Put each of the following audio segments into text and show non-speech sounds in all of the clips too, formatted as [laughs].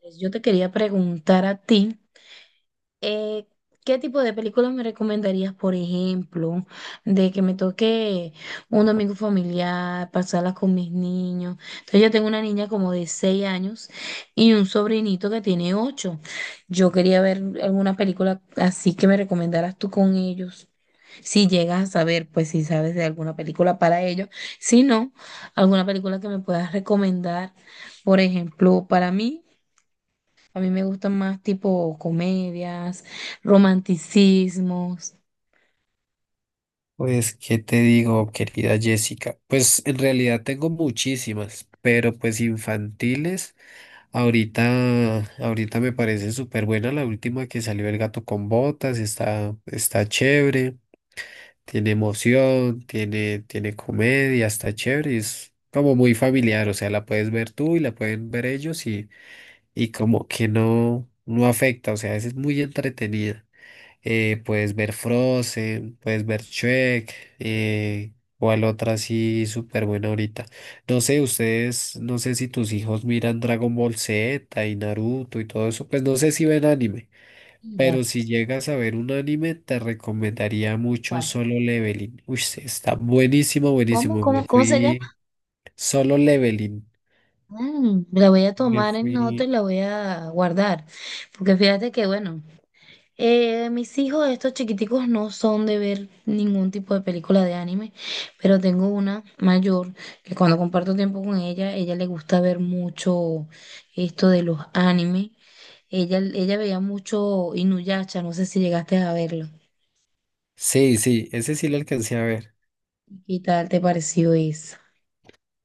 Pues yo te quería preguntar a ti, eh, ¿qué tipo de películas me recomendarías? Por ejemplo, de que me toque un domingo familiar, pasarlas con mis niños. Entonces yo tengo una niña como de 6 años y un sobrinito que tiene 8. Yo quería ver alguna película así que me recomendaras tú con ellos. Si llegas a saber, pues si sabes de alguna película para ellos. Si no, alguna película que me puedas recomendar, por ejemplo, para mí. A mí me gustan más tipo comedias, romanticismos. Pues, ¿qué te digo, querida Jessica? Pues en realidad tengo muchísimas, pero pues infantiles. Ahorita me parece súper buena la última que salió El gato con botas, está chévere, tiene emoción, tiene comedia, está chévere, es como muy familiar, o sea, la puedes ver tú y la pueden ver ellos y, como que no, no afecta, o sea, es muy entretenida. Puedes ver Frozen, puedes ver Shrek, eh, cuál otra así súper buena ahorita. No sé, ustedes, no sé si tus hijos miran Dragon Ball Z y Naruto y todo eso, pues no sé si ven anime, Mira, pero si llegas a ver un anime, te recomendaría mucho ¿cuál? Solo Leveling. Uy, sí, está buenísimo, ¿Cómo, buenísimo. Me cómo, cómo se llama? fui Solo Leveling. Mm, la voy a Me tomar en fui. nota y la voy a guardar. Porque fíjate que, bueno, mis hijos, estos chiquiticos, no son de ver ningún tipo de película de anime. Pero tengo una mayor que, cuando comparto tiempo con ella, ella le gusta ver mucho esto de los animes. Ella veía mucho Inuyasha, no sé si llegaste a verlo. Sí, sí, ese sí lo alcancé a ver. ¿Qué tal te pareció eso?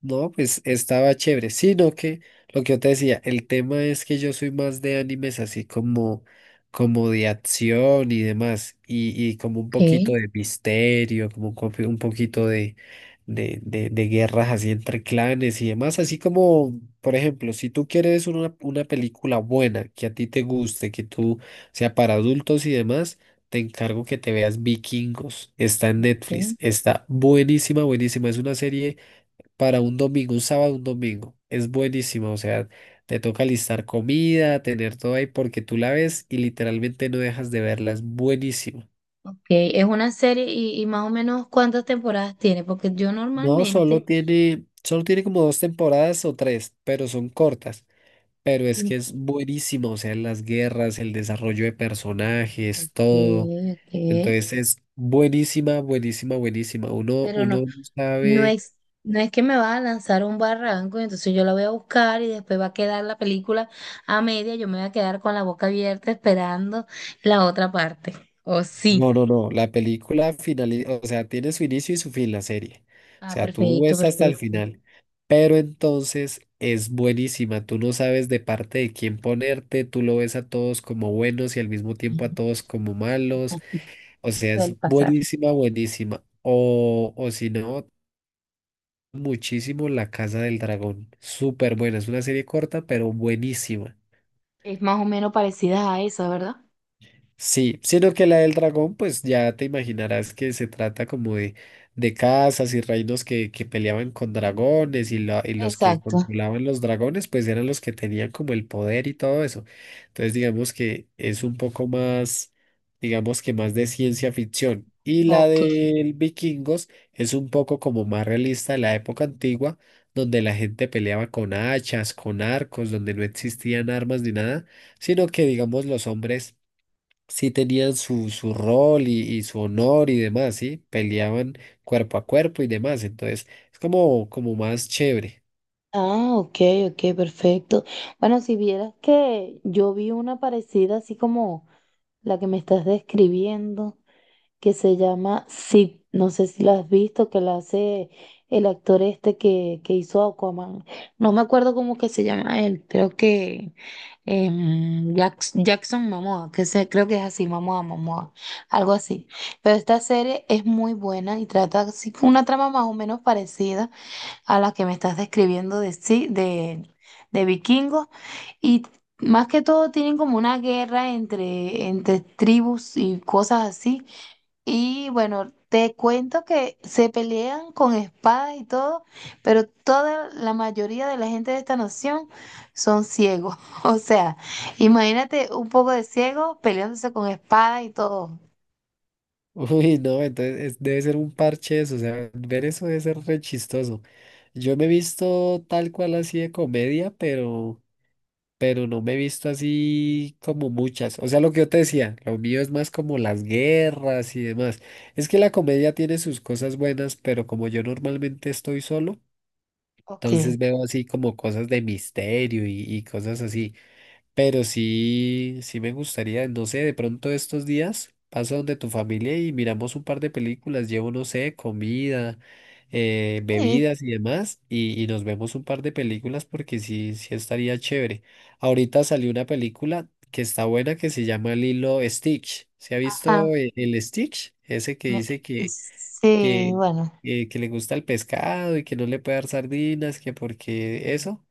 No, pues estaba chévere, sino que lo que yo te decía, el tema es que yo soy más de animes así como, como de acción y demás, y, como un Ok, poquito de misterio, como un, un poquito de, de guerras así entre clanes y demás, así como, por ejemplo, si tú quieres una película buena, que a ti te guste, que tú sea para adultos y demás, te encargo que te veas Vikingos, está en Netflix, ok, está buenísima, buenísima, es una serie para un domingo, un sábado, un domingo. Es buenísimo, o sea, te toca listar comida, tener todo ahí porque tú la ves y literalmente no dejas de verla, es buenísimo. ok. Es una serie y, más o menos ¿cuántas temporadas tiene? Porque yo No, normalmente, solo tiene como dos temporadas o tres, pero son cortas. Pero es y- que es buenísimo, o sea, las guerras, el desarrollo de personajes, ok, todo. ok, Entonces es buenísima, buenísima, buenísima. Uno, pero uno no, no no sabe. es, no es que me va a lanzar un barranco, y entonces yo la voy a buscar y después va a quedar la película a media, yo me voy a quedar con la boca abierta esperando la otra parte. ¿O sí? No, no, no. La película finaliza, o sea, tiene su inicio y su fin la serie. O Ah, sea, tú perfecto, ves hasta el perfecto. final. Pero entonces es buenísima. Tú no sabes de parte de quién ponerte. Tú lo ves a todos como buenos y al mismo tiempo a todos como malos. [laughs] O sea, Suele es pasar. buenísima, buenísima. O si no, muchísimo La Casa del Dragón. Súper buena. Es una serie corta, pero buenísima. Es más o menos parecida a esa, ¿verdad? Sí, sino que la del dragón, pues ya te imaginarás que se trata como de casas y reinos que peleaban con dragones y, y los que Exacto. controlaban los dragones, pues eran los que tenían como el poder y todo eso. Entonces, digamos que es un poco más, digamos que más de ciencia ficción. Y la Ok. del vikingos es un poco como más realista de la época antigua, donde la gente peleaba con hachas, con arcos, donde no existían armas ni nada, sino que, digamos, los hombres sí tenían su, su rol y, su honor y demás, ¿sí? Peleaban cuerpo a cuerpo y demás, entonces es como, como más chévere. Ah, ok, ok, perfecto. Bueno, si vieras que yo vi una parecida así como la que me estás describiendo, que se llama Sid, no sé si la has visto, que la hace el actor este que, hizo Aquaman. No me acuerdo cómo que se llama él, creo que Jackson Momoa, que se, creo que es así, Momoa, Momoa, algo así. Pero esta serie es muy buena y trata así con una trama más o menos parecida a las que me estás describiendo de, de vikingos. Y más que todo tienen como una guerra entre, tribus y cosas así. Y bueno, te cuento que se pelean con espadas y todo, pero toda la mayoría de la gente de esta nación son ciegos. [laughs] O sea, imagínate un poco de ciegos peleándose con espadas y todo. [laughs] Uy, no, entonces debe ser un parche eso, o sea, ver eso debe ser re chistoso. Yo me he visto tal cual así de comedia, pero no me he visto así como muchas. O sea, lo que yo te decía, lo mío es más como las guerras y demás. Es que la comedia tiene sus cosas buenas, pero como yo normalmente estoy solo, Ok. entonces veo así como cosas de misterio y, cosas así. Pero sí, sí me gustaría, no sé, de pronto estos días paso donde tu familia y miramos un par de películas. Llevo, no sé, comida, Sí, bebidas y demás. Y, nos vemos un par de películas porque sí, sí estaría chévere. Ahorita salió una película que está buena que se llama Lilo Stitch. ¿Se ha ajá. visto el Stitch? Ese que me- dice Sí, que, bueno. Que le gusta el pescado y que no le puede dar sardinas, que porque eso.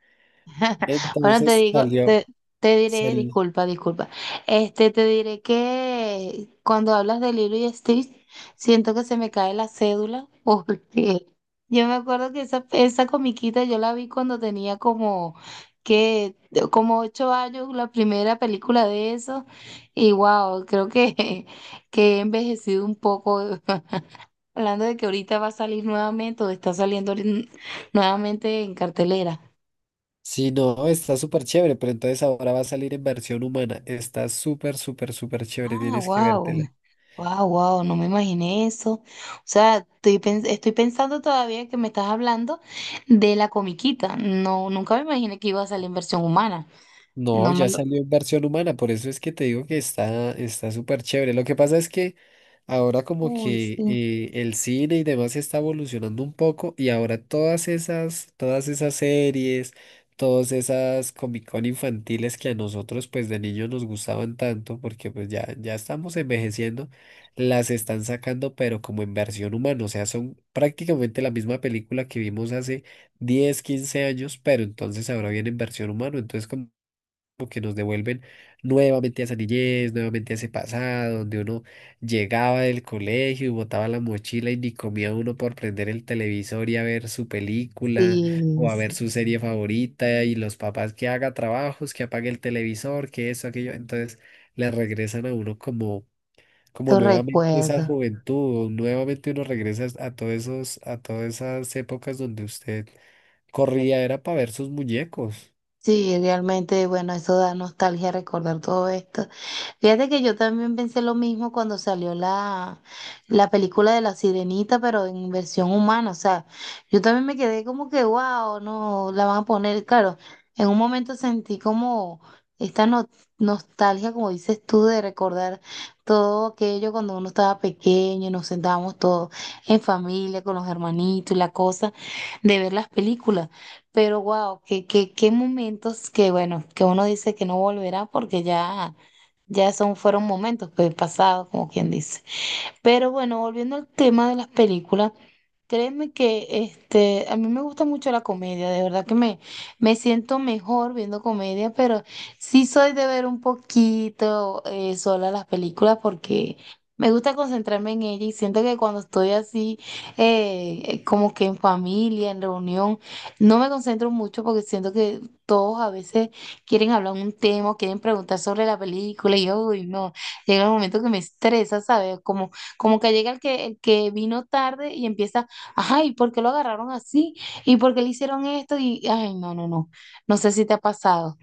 [laughs] Bueno, te Entonces digo, salió, te diré, sal- disculpa, disculpa. Este, te diré que cuando hablas de Lilo y Stitch, siento que se me cae la cédula, [laughs] porque yo me acuerdo que esa comiquita yo la vi cuando tenía como, que, como 8 años, la primera película de eso, y wow, creo que, [laughs] que he envejecido un poco. [laughs] Hablando de que ahorita va a salir nuevamente, o está saliendo ahorita nuevamente en cartelera. sí, no, está súper chévere, pero entonces ahora va a salir en versión humana. Está súper, súper, súper chévere. Ah, Tienes que wow. vértela. Wow, wow, no me imaginé eso. O sea, estoy, estoy pensando todavía que me estás hablando de la comiquita. No, nunca me imaginé que iba a salir en versión humana. No, No me ya lo. salió en versión humana, por eso es que te digo que está está súper chévere. Lo que pasa es que ahora como Uy, que sí, el cine y demás está evolucionando un poco y ahora todas esas series, todas esas Comic Con infantiles que a nosotros pues de niños nos gustaban tanto porque pues ya, ya estamos envejeciendo, las están sacando pero como en versión humana, o sea, son prácticamente la misma película que vimos hace 10, 15 años, pero entonces ahora viene en versión humana, entonces como como que nos devuelven nuevamente a esa niñez, nuevamente a ese pasado, donde uno llegaba del colegio y botaba la mochila y ni comía uno por prender el televisor y a ver su película sí, o a ver sí, su serie favorita y los papás que haga trabajos, que apague el televisor, que eso, aquello. Entonces le regresan a uno como, como lo nuevamente esa recuerdo. juventud, o nuevamente uno regresa a todos esos, a todas esas épocas donde usted corría, era para ver sus muñecos. Sí, realmente, bueno, eso da nostalgia recordar todo esto. Fíjate que yo también pensé lo mismo cuando salió la, película de La Sirenita, pero en versión humana. O sea, yo también me quedé como que, wow, no, la van a poner, claro, en un momento sentí como esta no- nostalgia, como dices tú, de recordar todo aquello cuando uno estaba pequeño y nos sentábamos todos en familia, con los hermanitos y la cosa, de ver las películas. Pero wow, qué momentos. Que bueno, que uno dice que no volverá, porque ya, fueron momentos pues pasados, como quien dice. Pero bueno, volviendo al tema de las películas. Créeme que, este, a mí me gusta mucho la comedia, de verdad que me siento mejor viendo comedia, pero sí soy de ver un poquito, sola, las películas, porque me gusta concentrarme en ella y siento que cuando estoy así, como que en familia, en reunión, no me concentro mucho, porque siento que todos a veces quieren hablar un tema, o quieren preguntar sobre la película y yo, uy, no, llega un momento que me estresa, ¿sabes? Como, como que llega el que vino tarde y empieza... Ajá, ¿y por qué lo agarraron así? ¿Y por qué le hicieron esto? Y ay, no, no, no. No sé si te ha pasado.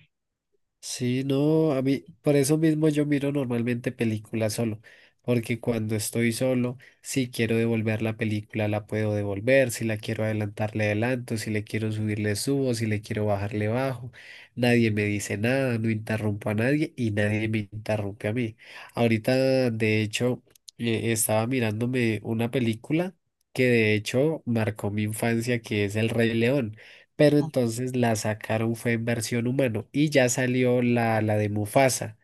Sí, no, a mí, por eso mismo yo miro normalmente películas solo, porque cuando estoy solo, si quiero devolver la película, la puedo devolver, si la quiero adelantar, le adelanto, si le quiero subir, le subo, si le quiero bajar, le bajo, nadie me dice nada, no interrumpo a nadie y nadie me interrumpe a mí. Ahorita, de hecho, estaba mirándome una película que de hecho marcó mi infancia, que es El Rey León, pero entonces la sacaron fue en versión humano y ya salió la, la de Mufasa,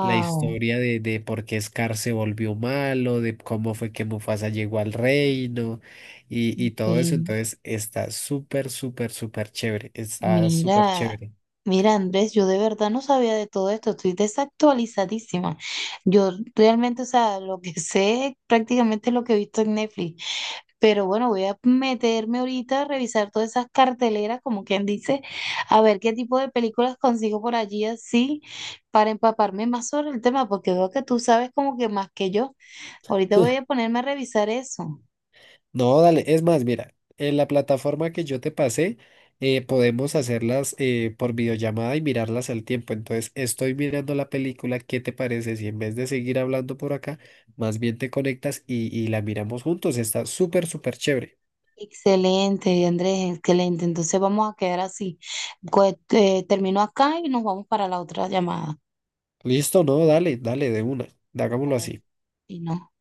la historia de por qué Scar se volvió malo, de cómo fue que Mufasa llegó al reino y, todo eso. Entonces está súper, súper, súper chévere, está súper Mira, chévere. mira, Andrés, yo de verdad no sabía de todo esto. Estoy desactualizadísima. Yo realmente, o sea, lo que sé prácticamente es lo que he visto en Netflix. Pero bueno, voy a meterme ahorita a revisar todas esas carteleras, como quien dice, a ver qué tipo de películas consigo por allí así, para empaparme más sobre el tema, porque veo que tú sabes como que más que yo. Ahorita voy a ponerme a revisar eso. No, dale, es más, mira, en la plataforma que yo te pasé, podemos hacerlas por videollamada y mirarlas al tiempo. Entonces, estoy mirando la película, ¿qué te parece si en vez de seguir hablando por acá, más bien te conectas y, la miramos juntos? Está súper, súper chévere. Excelente, Andrés, excelente. Entonces vamos a quedar así. Pues, termino acá y nos vamos para la otra llamada. Listo, no, dale, dale, de una, hagámoslo Vale. así. Y no.